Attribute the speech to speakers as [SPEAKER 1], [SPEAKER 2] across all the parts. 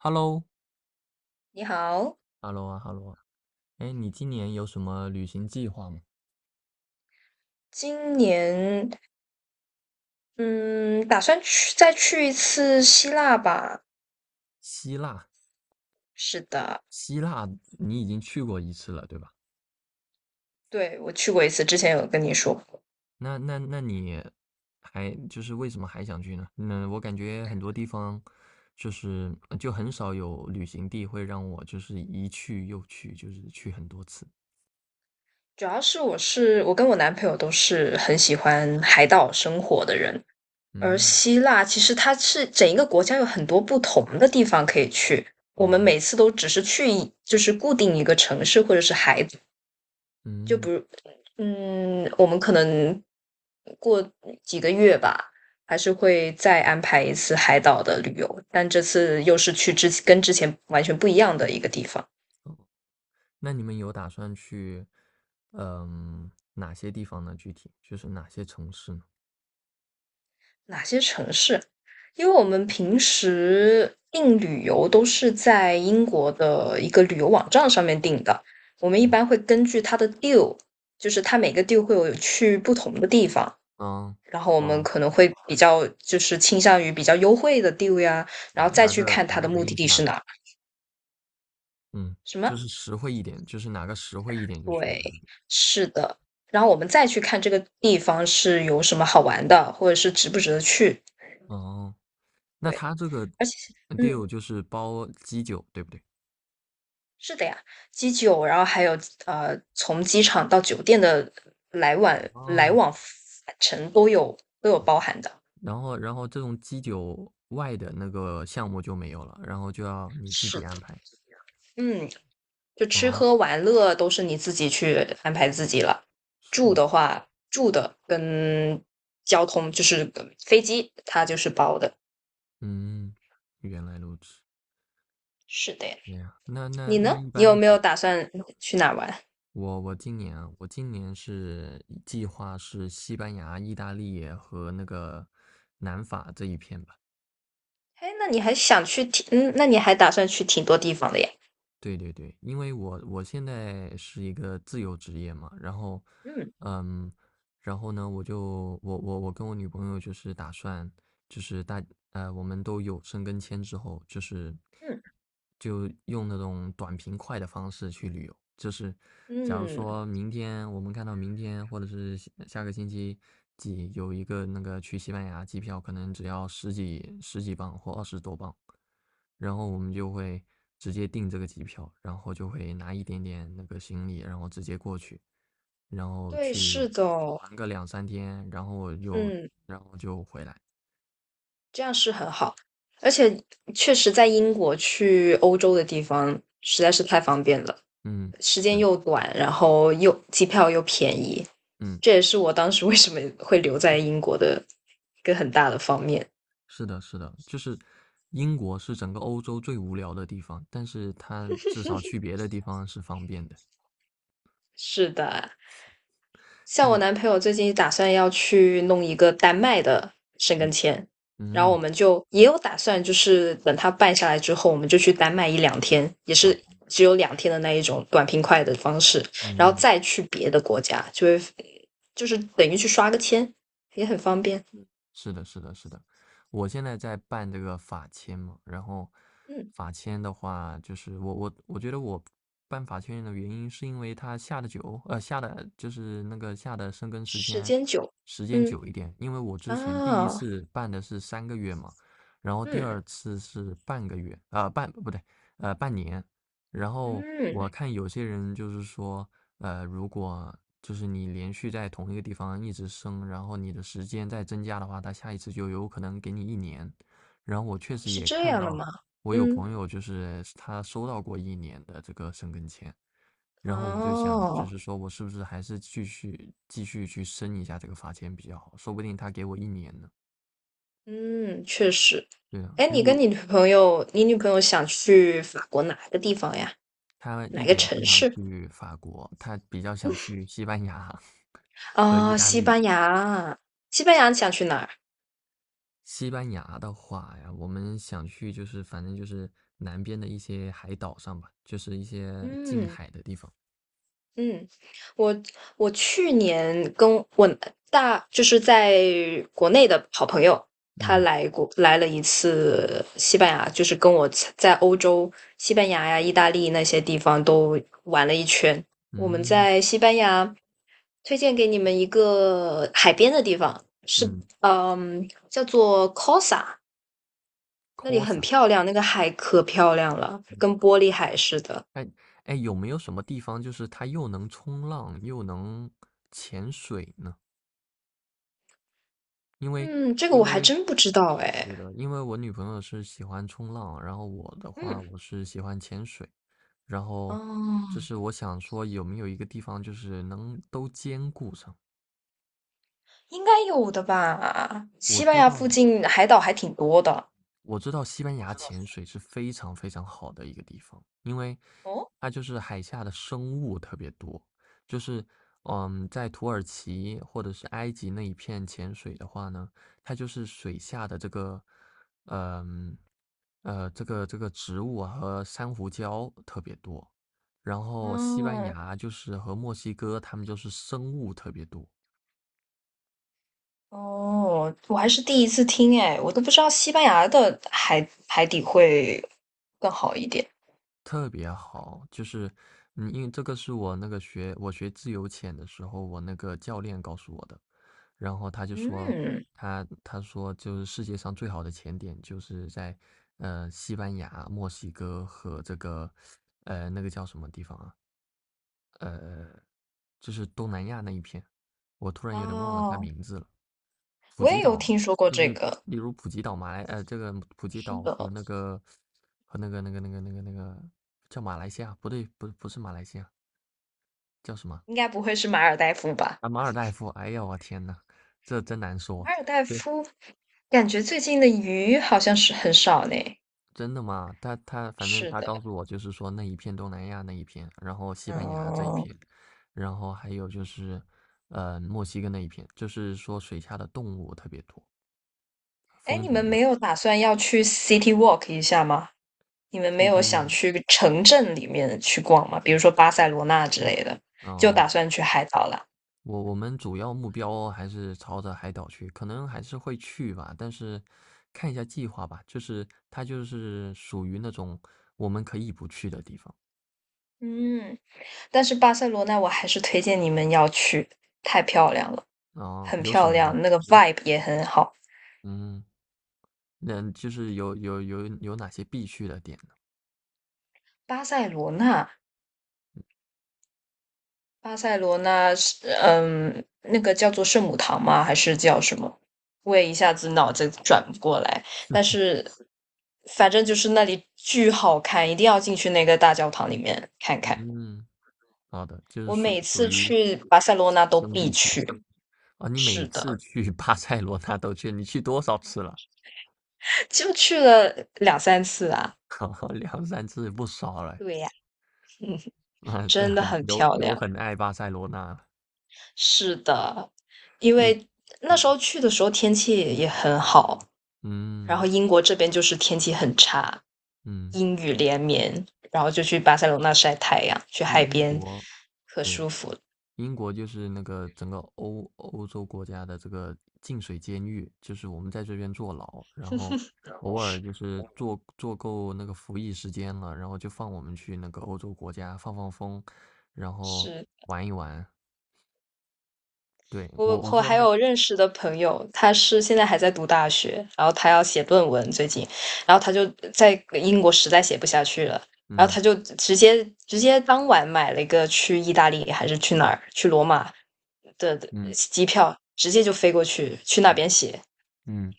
[SPEAKER 1] Hello，Hello
[SPEAKER 2] 你好，
[SPEAKER 1] 啊，Hello 啊，哎，你今年有什么旅行计划吗？
[SPEAKER 2] 今年嗯，打算再去一次希腊吧？
[SPEAKER 1] 希腊，
[SPEAKER 2] 是的，
[SPEAKER 1] 希腊你已经去过一次了，对吧？
[SPEAKER 2] 对，我去过一次，之前有跟你说过。
[SPEAKER 1] 那你还就是为什么还想去呢？那我感觉很多地方就是就很少有旅行地会让我就是一去又去，就是去很多次。
[SPEAKER 2] 主要是我跟我男朋友都是很喜欢海岛生活的人，而
[SPEAKER 1] 嗯，
[SPEAKER 2] 希腊其实它是整一个国家有很多不同的地方可以去，我们
[SPEAKER 1] 哦，
[SPEAKER 2] 每次都只是去一就是固定一个城市或者是海岛就比
[SPEAKER 1] 嗯，
[SPEAKER 2] 如我们可能。过几个月吧，还是会再安排一次海岛的旅游，但这次又是跟之前完全不一样的一个地方。
[SPEAKER 1] 那你们有打算去哪些地方呢？具体就是哪些城市呢？
[SPEAKER 2] 哪些城市？因为我们平时订旅游都是在英国的一个旅游网站上面订的，我们一
[SPEAKER 1] 嗯，
[SPEAKER 2] 般会根据它的 deal,就是它每个 deal 会有去不同的地方，
[SPEAKER 1] 嗯，
[SPEAKER 2] 然后我们
[SPEAKER 1] 哦。
[SPEAKER 2] 可能会比较就是倾向于比较优惠的 deal 呀，然
[SPEAKER 1] 哪
[SPEAKER 2] 后再
[SPEAKER 1] 哪
[SPEAKER 2] 去
[SPEAKER 1] 个
[SPEAKER 2] 看
[SPEAKER 1] 哪
[SPEAKER 2] 它的
[SPEAKER 1] 个
[SPEAKER 2] 目
[SPEAKER 1] 便
[SPEAKER 2] 的
[SPEAKER 1] 宜去
[SPEAKER 2] 地是
[SPEAKER 1] 哪
[SPEAKER 2] 哪
[SPEAKER 1] 个，
[SPEAKER 2] 儿
[SPEAKER 1] 嗯，
[SPEAKER 2] 什
[SPEAKER 1] 就
[SPEAKER 2] 么？
[SPEAKER 1] 是实惠一点，就是哪个实惠一点就去哪
[SPEAKER 2] 对，
[SPEAKER 1] 个。
[SPEAKER 2] 是的。然后我们再去看这个地方是有什么好玩的，或者是值不值得去。
[SPEAKER 1] 哦，那
[SPEAKER 2] 对，
[SPEAKER 1] 他这个
[SPEAKER 2] 而且，嗯，
[SPEAKER 1] deal 就是包基酒，对不对？
[SPEAKER 2] 是的呀，机酒，然后还有从机场到酒店的来往来
[SPEAKER 1] 哦，
[SPEAKER 2] 往返程都有包含的。
[SPEAKER 1] 然后这种基酒外的那个项目就没有了，然后就要你自
[SPEAKER 2] 是
[SPEAKER 1] 己
[SPEAKER 2] 的，
[SPEAKER 1] 安排。
[SPEAKER 2] 嗯，就吃
[SPEAKER 1] 哦，
[SPEAKER 2] 喝玩乐都是你自己去安排自己了。
[SPEAKER 1] 是，
[SPEAKER 2] 住的话，住的跟交通就是飞机，它就是包的。
[SPEAKER 1] 嗯，原来如此。
[SPEAKER 2] 是的呀。
[SPEAKER 1] 对呀，那那
[SPEAKER 2] 你
[SPEAKER 1] 那
[SPEAKER 2] 呢？
[SPEAKER 1] 一
[SPEAKER 2] 你有
[SPEAKER 1] 般
[SPEAKER 2] 没
[SPEAKER 1] 什
[SPEAKER 2] 有
[SPEAKER 1] 么
[SPEAKER 2] 打算去哪玩？
[SPEAKER 1] 我我今年啊，我今年是计划是西班牙、意大利和那个南法这一片吧。
[SPEAKER 2] 哎，那你还想去挺，那你还打算去挺多地方的呀。
[SPEAKER 1] 对对对，因为我现在是一个自由职业嘛，然后，
[SPEAKER 2] 嗯
[SPEAKER 1] 嗯，然后呢，我跟我女朋友就是打算，就是我们都有申根签之后，就是
[SPEAKER 2] 嗯
[SPEAKER 1] 就用那种短平快的方式去旅游。就是假如
[SPEAKER 2] 嗯，
[SPEAKER 1] 说明天我们看到明天或者是下下个星期几有一个那个去西班牙机票，可能只要十几磅或二十多磅，然后我们就会直接订这个机票，然后就会拿一点点那个行李，然后直接过去。然后
[SPEAKER 2] 对，
[SPEAKER 1] 去
[SPEAKER 2] 是的哦，
[SPEAKER 1] 玩个两三天，然后又
[SPEAKER 2] 嗯，
[SPEAKER 1] 然后就回来。
[SPEAKER 2] 这样是很好，而且确实在英国去欧洲的地方实在是太方便了，
[SPEAKER 1] 嗯，
[SPEAKER 2] 时间
[SPEAKER 1] 是的，
[SPEAKER 2] 又短，然后又机票又便宜，
[SPEAKER 1] 嗯，
[SPEAKER 2] 这也是我当时为什么会留在英国的一个很大的方面。
[SPEAKER 1] 是的，是的，就是英国是整个欧洲最无聊的地方，但是它至少去别的地方是方便的。
[SPEAKER 2] 是的。像我
[SPEAKER 1] 嗯
[SPEAKER 2] 男朋友最近打算要去弄一个丹麦的申根
[SPEAKER 1] 嗯
[SPEAKER 2] 签，然后我
[SPEAKER 1] 嗯
[SPEAKER 2] 们就也有打算，就是等他办下来之后，我们就去丹麦一两天，也是
[SPEAKER 1] 啊
[SPEAKER 2] 只有两天的那一种短平快的方式，然后
[SPEAKER 1] 嗯。
[SPEAKER 2] 再去别的国家，就会就是等于去刷个签，也很方便。
[SPEAKER 1] 是的，是的，是的，我现在在办这个法签嘛，然后
[SPEAKER 2] 嗯，
[SPEAKER 1] 法签的话，就是我觉得我办法签的原因是因为它下的久，下的就是那个下的生根时
[SPEAKER 2] 时
[SPEAKER 1] 间
[SPEAKER 2] 间久，
[SPEAKER 1] 时间
[SPEAKER 2] 嗯
[SPEAKER 1] 久一点，因为我之前第一
[SPEAKER 2] 啊，
[SPEAKER 1] 次办的是3个月嘛，然后第
[SPEAKER 2] 嗯
[SPEAKER 1] 二次是半个月，半不对，半年，然后
[SPEAKER 2] 嗯，
[SPEAKER 1] 我看有些人就是说，如果就是你连续在同一个地方一直升，然后你的时间再增加的话，他下一次就有可能给你一年。然后我确实
[SPEAKER 2] 是
[SPEAKER 1] 也
[SPEAKER 2] 这
[SPEAKER 1] 看
[SPEAKER 2] 样的
[SPEAKER 1] 到，
[SPEAKER 2] 吗？
[SPEAKER 1] 我有
[SPEAKER 2] 嗯，
[SPEAKER 1] 朋友就是他收到过一年的这个申根签，然后我就想，
[SPEAKER 2] 哦。
[SPEAKER 1] 就是说我是不是还是继续去申一下这个法签比较好，说不定他给我一年呢。
[SPEAKER 2] 嗯，确实。
[SPEAKER 1] 对啊，
[SPEAKER 2] 哎，你
[SPEAKER 1] 如
[SPEAKER 2] 跟
[SPEAKER 1] 果
[SPEAKER 2] 你女朋友，你女朋友想去法国哪个地方呀？
[SPEAKER 1] 他
[SPEAKER 2] 哪
[SPEAKER 1] 一
[SPEAKER 2] 个
[SPEAKER 1] 点都不
[SPEAKER 2] 城
[SPEAKER 1] 想
[SPEAKER 2] 市？
[SPEAKER 1] 去法国，他比较想去西班牙 和意
[SPEAKER 2] 啊、
[SPEAKER 1] 大
[SPEAKER 2] 西
[SPEAKER 1] 利。
[SPEAKER 2] 班牙。西班牙你想去哪儿？
[SPEAKER 1] 西班牙的话呀，我们想去就是反正就是南边的一些海岛上吧，就是一些近
[SPEAKER 2] 嗯
[SPEAKER 1] 海的地方。
[SPEAKER 2] 嗯，我我去年跟我就是在国内的好朋友，他
[SPEAKER 1] 嗯
[SPEAKER 2] 来了一次西班牙，就是跟我在欧洲西班牙呀、意大利那些地方都玩了一圈。我们在
[SPEAKER 1] 嗯
[SPEAKER 2] 西班牙。推荐给你们一个海边的地方，是
[SPEAKER 1] 嗯
[SPEAKER 2] 叫做 Cosa,那里很
[SPEAKER 1] ，Cosa，
[SPEAKER 2] 漂亮，那个海可漂亮了，
[SPEAKER 1] 嗯，
[SPEAKER 2] 跟玻璃海似的。
[SPEAKER 1] 哎哎，有没有什么地方就是它又能冲浪又能潜水呢？因为
[SPEAKER 2] 嗯，这个我
[SPEAKER 1] 因
[SPEAKER 2] 还
[SPEAKER 1] 为
[SPEAKER 2] 真不知道哎。
[SPEAKER 1] 对的，因为我女朋友是喜欢冲浪，然后我的话
[SPEAKER 2] 嗯，
[SPEAKER 1] 我是喜欢潜水，然后就
[SPEAKER 2] 哦，
[SPEAKER 1] 是我想说有没有一个地方就是能都兼顾上。
[SPEAKER 2] 应该有的吧？
[SPEAKER 1] 我
[SPEAKER 2] 西班
[SPEAKER 1] 知
[SPEAKER 2] 牙附
[SPEAKER 1] 道，
[SPEAKER 2] 近海岛还挺多的。
[SPEAKER 1] 我知道西班
[SPEAKER 2] 我
[SPEAKER 1] 牙
[SPEAKER 2] 知道。
[SPEAKER 1] 潜水是非常非常好的一个地方，因为
[SPEAKER 2] 哦，
[SPEAKER 1] 它就是海下的生物特别多。就是在土耳其或者是埃及那一片潜水的话呢，它就是水下的这个，嗯这个植物啊和珊瑚礁特别多。然后西班
[SPEAKER 2] 哦，
[SPEAKER 1] 牙就是和墨西哥，他们就是生物特别多。
[SPEAKER 2] 哦，我还是第一次听哎，我都不知道西班牙的海海底会更好一点。
[SPEAKER 1] 特别好，就是，因为这个是我那个我学自由潜的时候，我那个教练告诉我的。然后他就说，
[SPEAKER 2] 嗯，
[SPEAKER 1] 他说就是世界上最好的潜点就是在，西班牙、墨西哥和这个，那个叫什么地方啊？呃。就是东南亚那一片，我突然有点忘了它
[SPEAKER 2] 哦。
[SPEAKER 1] 名字了。普
[SPEAKER 2] 我也
[SPEAKER 1] 吉岛
[SPEAKER 2] 有
[SPEAKER 1] 啊，
[SPEAKER 2] 听说过
[SPEAKER 1] 就
[SPEAKER 2] 这
[SPEAKER 1] 是
[SPEAKER 2] 个，
[SPEAKER 1] 例如普吉岛、马来这个普吉
[SPEAKER 2] 是
[SPEAKER 1] 岛
[SPEAKER 2] 的，
[SPEAKER 1] 和那个和那个叫马来西亚，不对，不是马来西亚，叫什么？
[SPEAKER 2] 应该不会是马尔代夫吧？
[SPEAKER 1] 啊，马尔代夫。哎呀，我天呐，这真难
[SPEAKER 2] 马
[SPEAKER 1] 说。
[SPEAKER 2] 尔代
[SPEAKER 1] 对，
[SPEAKER 2] 夫感觉最近的鱼好像是很少呢。
[SPEAKER 1] 真的吗？他他反正
[SPEAKER 2] 是
[SPEAKER 1] 他
[SPEAKER 2] 的，
[SPEAKER 1] 告诉我就是说那一片东南亚那一片，然后西班牙这一
[SPEAKER 2] 嗯，
[SPEAKER 1] 片，然后还有就是墨西哥那一片，就是说水下的动物特别多，
[SPEAKER 2] 哎，
[SPEAKER 1] 风
[SPEAKER 2] 你们
[SPEAKER 1] 景
[SPEAKER 2] 没有打算要去 City Walk 一下吗？你们没
[SPEAKER 1] 最
[SPEAKER 2] 有想
[SPEAKER 1] 近，
[SPEAKER 2] 去城镇里面去逛吗？比如说巴塞罗那之类的，就
[SPEAKER 1] 嗯，
[SPEAKER 2] 打算去海岛了。
[SPEAKER 1] 我们主要目标还是朝着海岛去，可能还是会去吧，但是看一下计划吧。就是它就是属于那种我们可以不去的地方
[SPEAKER 2] 嗯，但是巴塞罗那我还是推荐你们要去，太漂亮了，
[SPEAKER 1] 啊，
[SPEAKER 2] 很
[SPEAKER 1] 有什
[SPEAKER 2] 漂
[SPEAKER 1] 么呢？
[SPEAKER 2] 亮，那个 vibe 也很好。
[SPEAKER 1] 嗯，那就是有哪些必去的点呢？
[SPEAKER 2] 巴塞罗那巴塞罗那是那个叫做圣母堂吗？还是叫什么？我也一下子脑子转不过来。但是反正就是那里巨好看，一定要进去那个大教堂里面看看。
[SPEAKER 1] 嗯，好的，就是
[SPEAKER 2] 我每
[SPEAKER 1] 属属
[SPEAKER 2] 次
[SPEAKER 1] 于
[SPEAKER 2] 去巴塞罗那都
[SPEAKER 1] 生
[SPEAKER 2] 必
[SPEAKER 1] 必去
[SPEAKER 2] 去，
[SPEAKER 1] 啊。你每
[SPEAKER 2] 是
[SPEAKER 1] 次
[SPEAKER 2] 的，
[SPEAKER 1] 去 巴塞罗那都去，你去多少次了？
[SPEAKER 2] 就去了两三次啊。
[SPEAKER 1] 好两三次不少了。
[SPEAKER 2] 对呀，
[SPEAKER 1] 啊，对，
[SPEAKER 2] 真的
[SPEAKER 1] 很
[SPEAKER 2] 很
[SPEAKER 1] 有
[SPEAKER 2] 漂
[SPEAKER 1] 有
[SPEAKER 2] 亮。
[SPEAKER 1] 很爱巴塞罗那，
[SPEAKER 2] 是的，因
[SPEAKER 1] 你
[SPEAKER 2] 为那时
[SPEAKER 1] 嗯
[SPEAKER 2] 候去的时候天气也很好，然后
[SPEAKER 1] 嗯
[SPEAKER 2] 英国这边就是天气很差，
[SPEAKER 1] 嗯，
[SPEAKER 2] 阴雨连绵，然后就
[SPEAKER 1] 是的，
[SPEAKER 2] 去巴塞罗那晒太阳，去
[SPEAKER 1] 英
[SPEAKER 2] 海
[SPEAKER 1] 英
[SPEAKER 2] 边，
[SPEAKER 1] 国
[SPEAKER 2] 可
[SPEAKER 1] 对
[SPEAKER 2] 舒服。
[SPEAKER 1] 英国就是那个整个欧洲国家的这个净水监狱，就是我们在这边坐牢，然后偶尔就是坐够那个服役时间了，然后就放我们去那个欧洲国家放放风，然后
[SPEAKER 2] 是。
[SPEAKER 1] 玩一玩。对，
[SPEAKER 2] 我
[SPEAKER 1] 我
[SPEAKER 2] 我
[SPEAKER 1] 说
[SPEAKER 2] 还
[SPEAKER 1] 他，
[SPEAKER 2] 有认识的朋友，他是现在还在读大学，然后他要写论文，最近，然后他就在英国实在写不下去了。然后
[SPEAKER 1] 嗯
[SPEAKER 2] 他就直接当晚买了一个去意大利还是去哪儿去罗马的
[SPEAKER 1] 嗯
[SPEAKER 2] 机票，直接就飞过去去那
[SPEAKER 1] 嗯。
[SPEAKER 2] 边写。
[SPEAKER 1] 嗯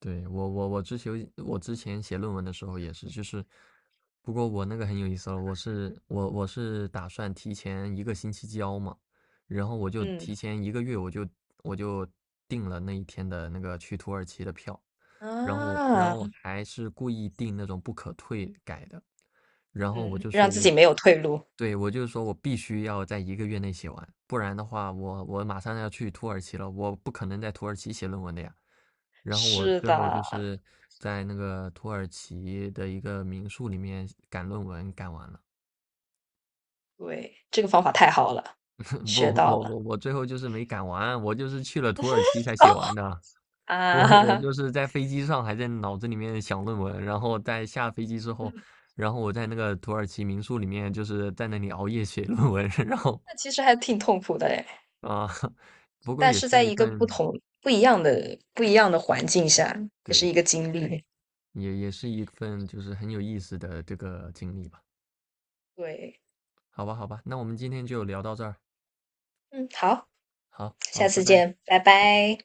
[SPEAKER 1] 对，我之前写论文的时候也是，就是，不过我那个很有意思了，我是打算提前一个星期交嘛，然后我就
[SPEAKER 2] 嗯
[SPEAKER 1] 提前一个月我就订了那一天的那个去土耳其的票，然后
[SPEAKER 2] 啊，
[SPEAKER 1] 我还是故意订那种不可退改的，然后我
[SPEAKER 2] 嗯，
[SPEAKER 1] 就
[SPEAKER 2] 让
[SPEAKER 1] 说
[SPEAKER 2] 自
[SPEAKER 1] 我
[SPEAKER 2] 己没有退路。
[SPEAKER 1] 对，我就是说我必须要在一个月内写完，不然的话我马上要去土耳其了，我不可能在土耳其写论文的呀。然后我
[SPEAKER 2] 是
[SPEAKER 1] 最后就
[SPEAKER 2] 的，
[SPEAKER 1] 是在那个土耳其的一个民宿里面赶论文，赶完了。
[SPEAKER 2] 对，这个方法太好了，
[SPEAKER 1] 不，
[SPEAKER 2] 学到
[SPEAKER 1] 我
[SPEAKER 2] 了。
[SPEAKER 1] 我我最后就是没赶完，我就是去了土耳其才
[SPEAKER 2] 哦，
[SPEAKER 1] 写完的。我
[SPEAKER 2] 啊，
[SPEAKER 1] 就 是在飞机上还在脑子里面想论文，然后在下飞机之后，然后我在那个土耳其民宿里面就是在那里熬夜写 论文，然后
[SPEAKER 2] 那其实还挺痛苦的哎，
[SPEAKER 1] 啊，不过
[SPEAKER 2] 但
[SPEAKER 1] 也
[SPEAKER 2] 是
[SPEAKER 1] 是
[SPEAKER 2] 在
[SPEAKER 1] 一
[SPEAKER 2] 一个
[SPEAKER 1] 份，
[SPEAKER 2] 不一样的环境下，也是一
[SPEAKER 1] 对，
[SPEAKER 2] 个经历。
[SPEAKER 1] 也是一份就是很有意思的这个经历吧。
[SPEAKER 2] 对，
[SPEAKER 1] 好吧，好吧，那我们今天就聊到这儿。
[SPEAKER 2] 嗯，好，
[SPEAKER 1] 好，
[SPEAKER 2] 下
[SPEAKER 1] 好，拜
[SPEAKER 2] 次
[SPEAKER 1] 拜，
[SPEAKER 2] 见，拜
[SPEAKER 1] 拜拜。
[SPEAKER 2] 拜。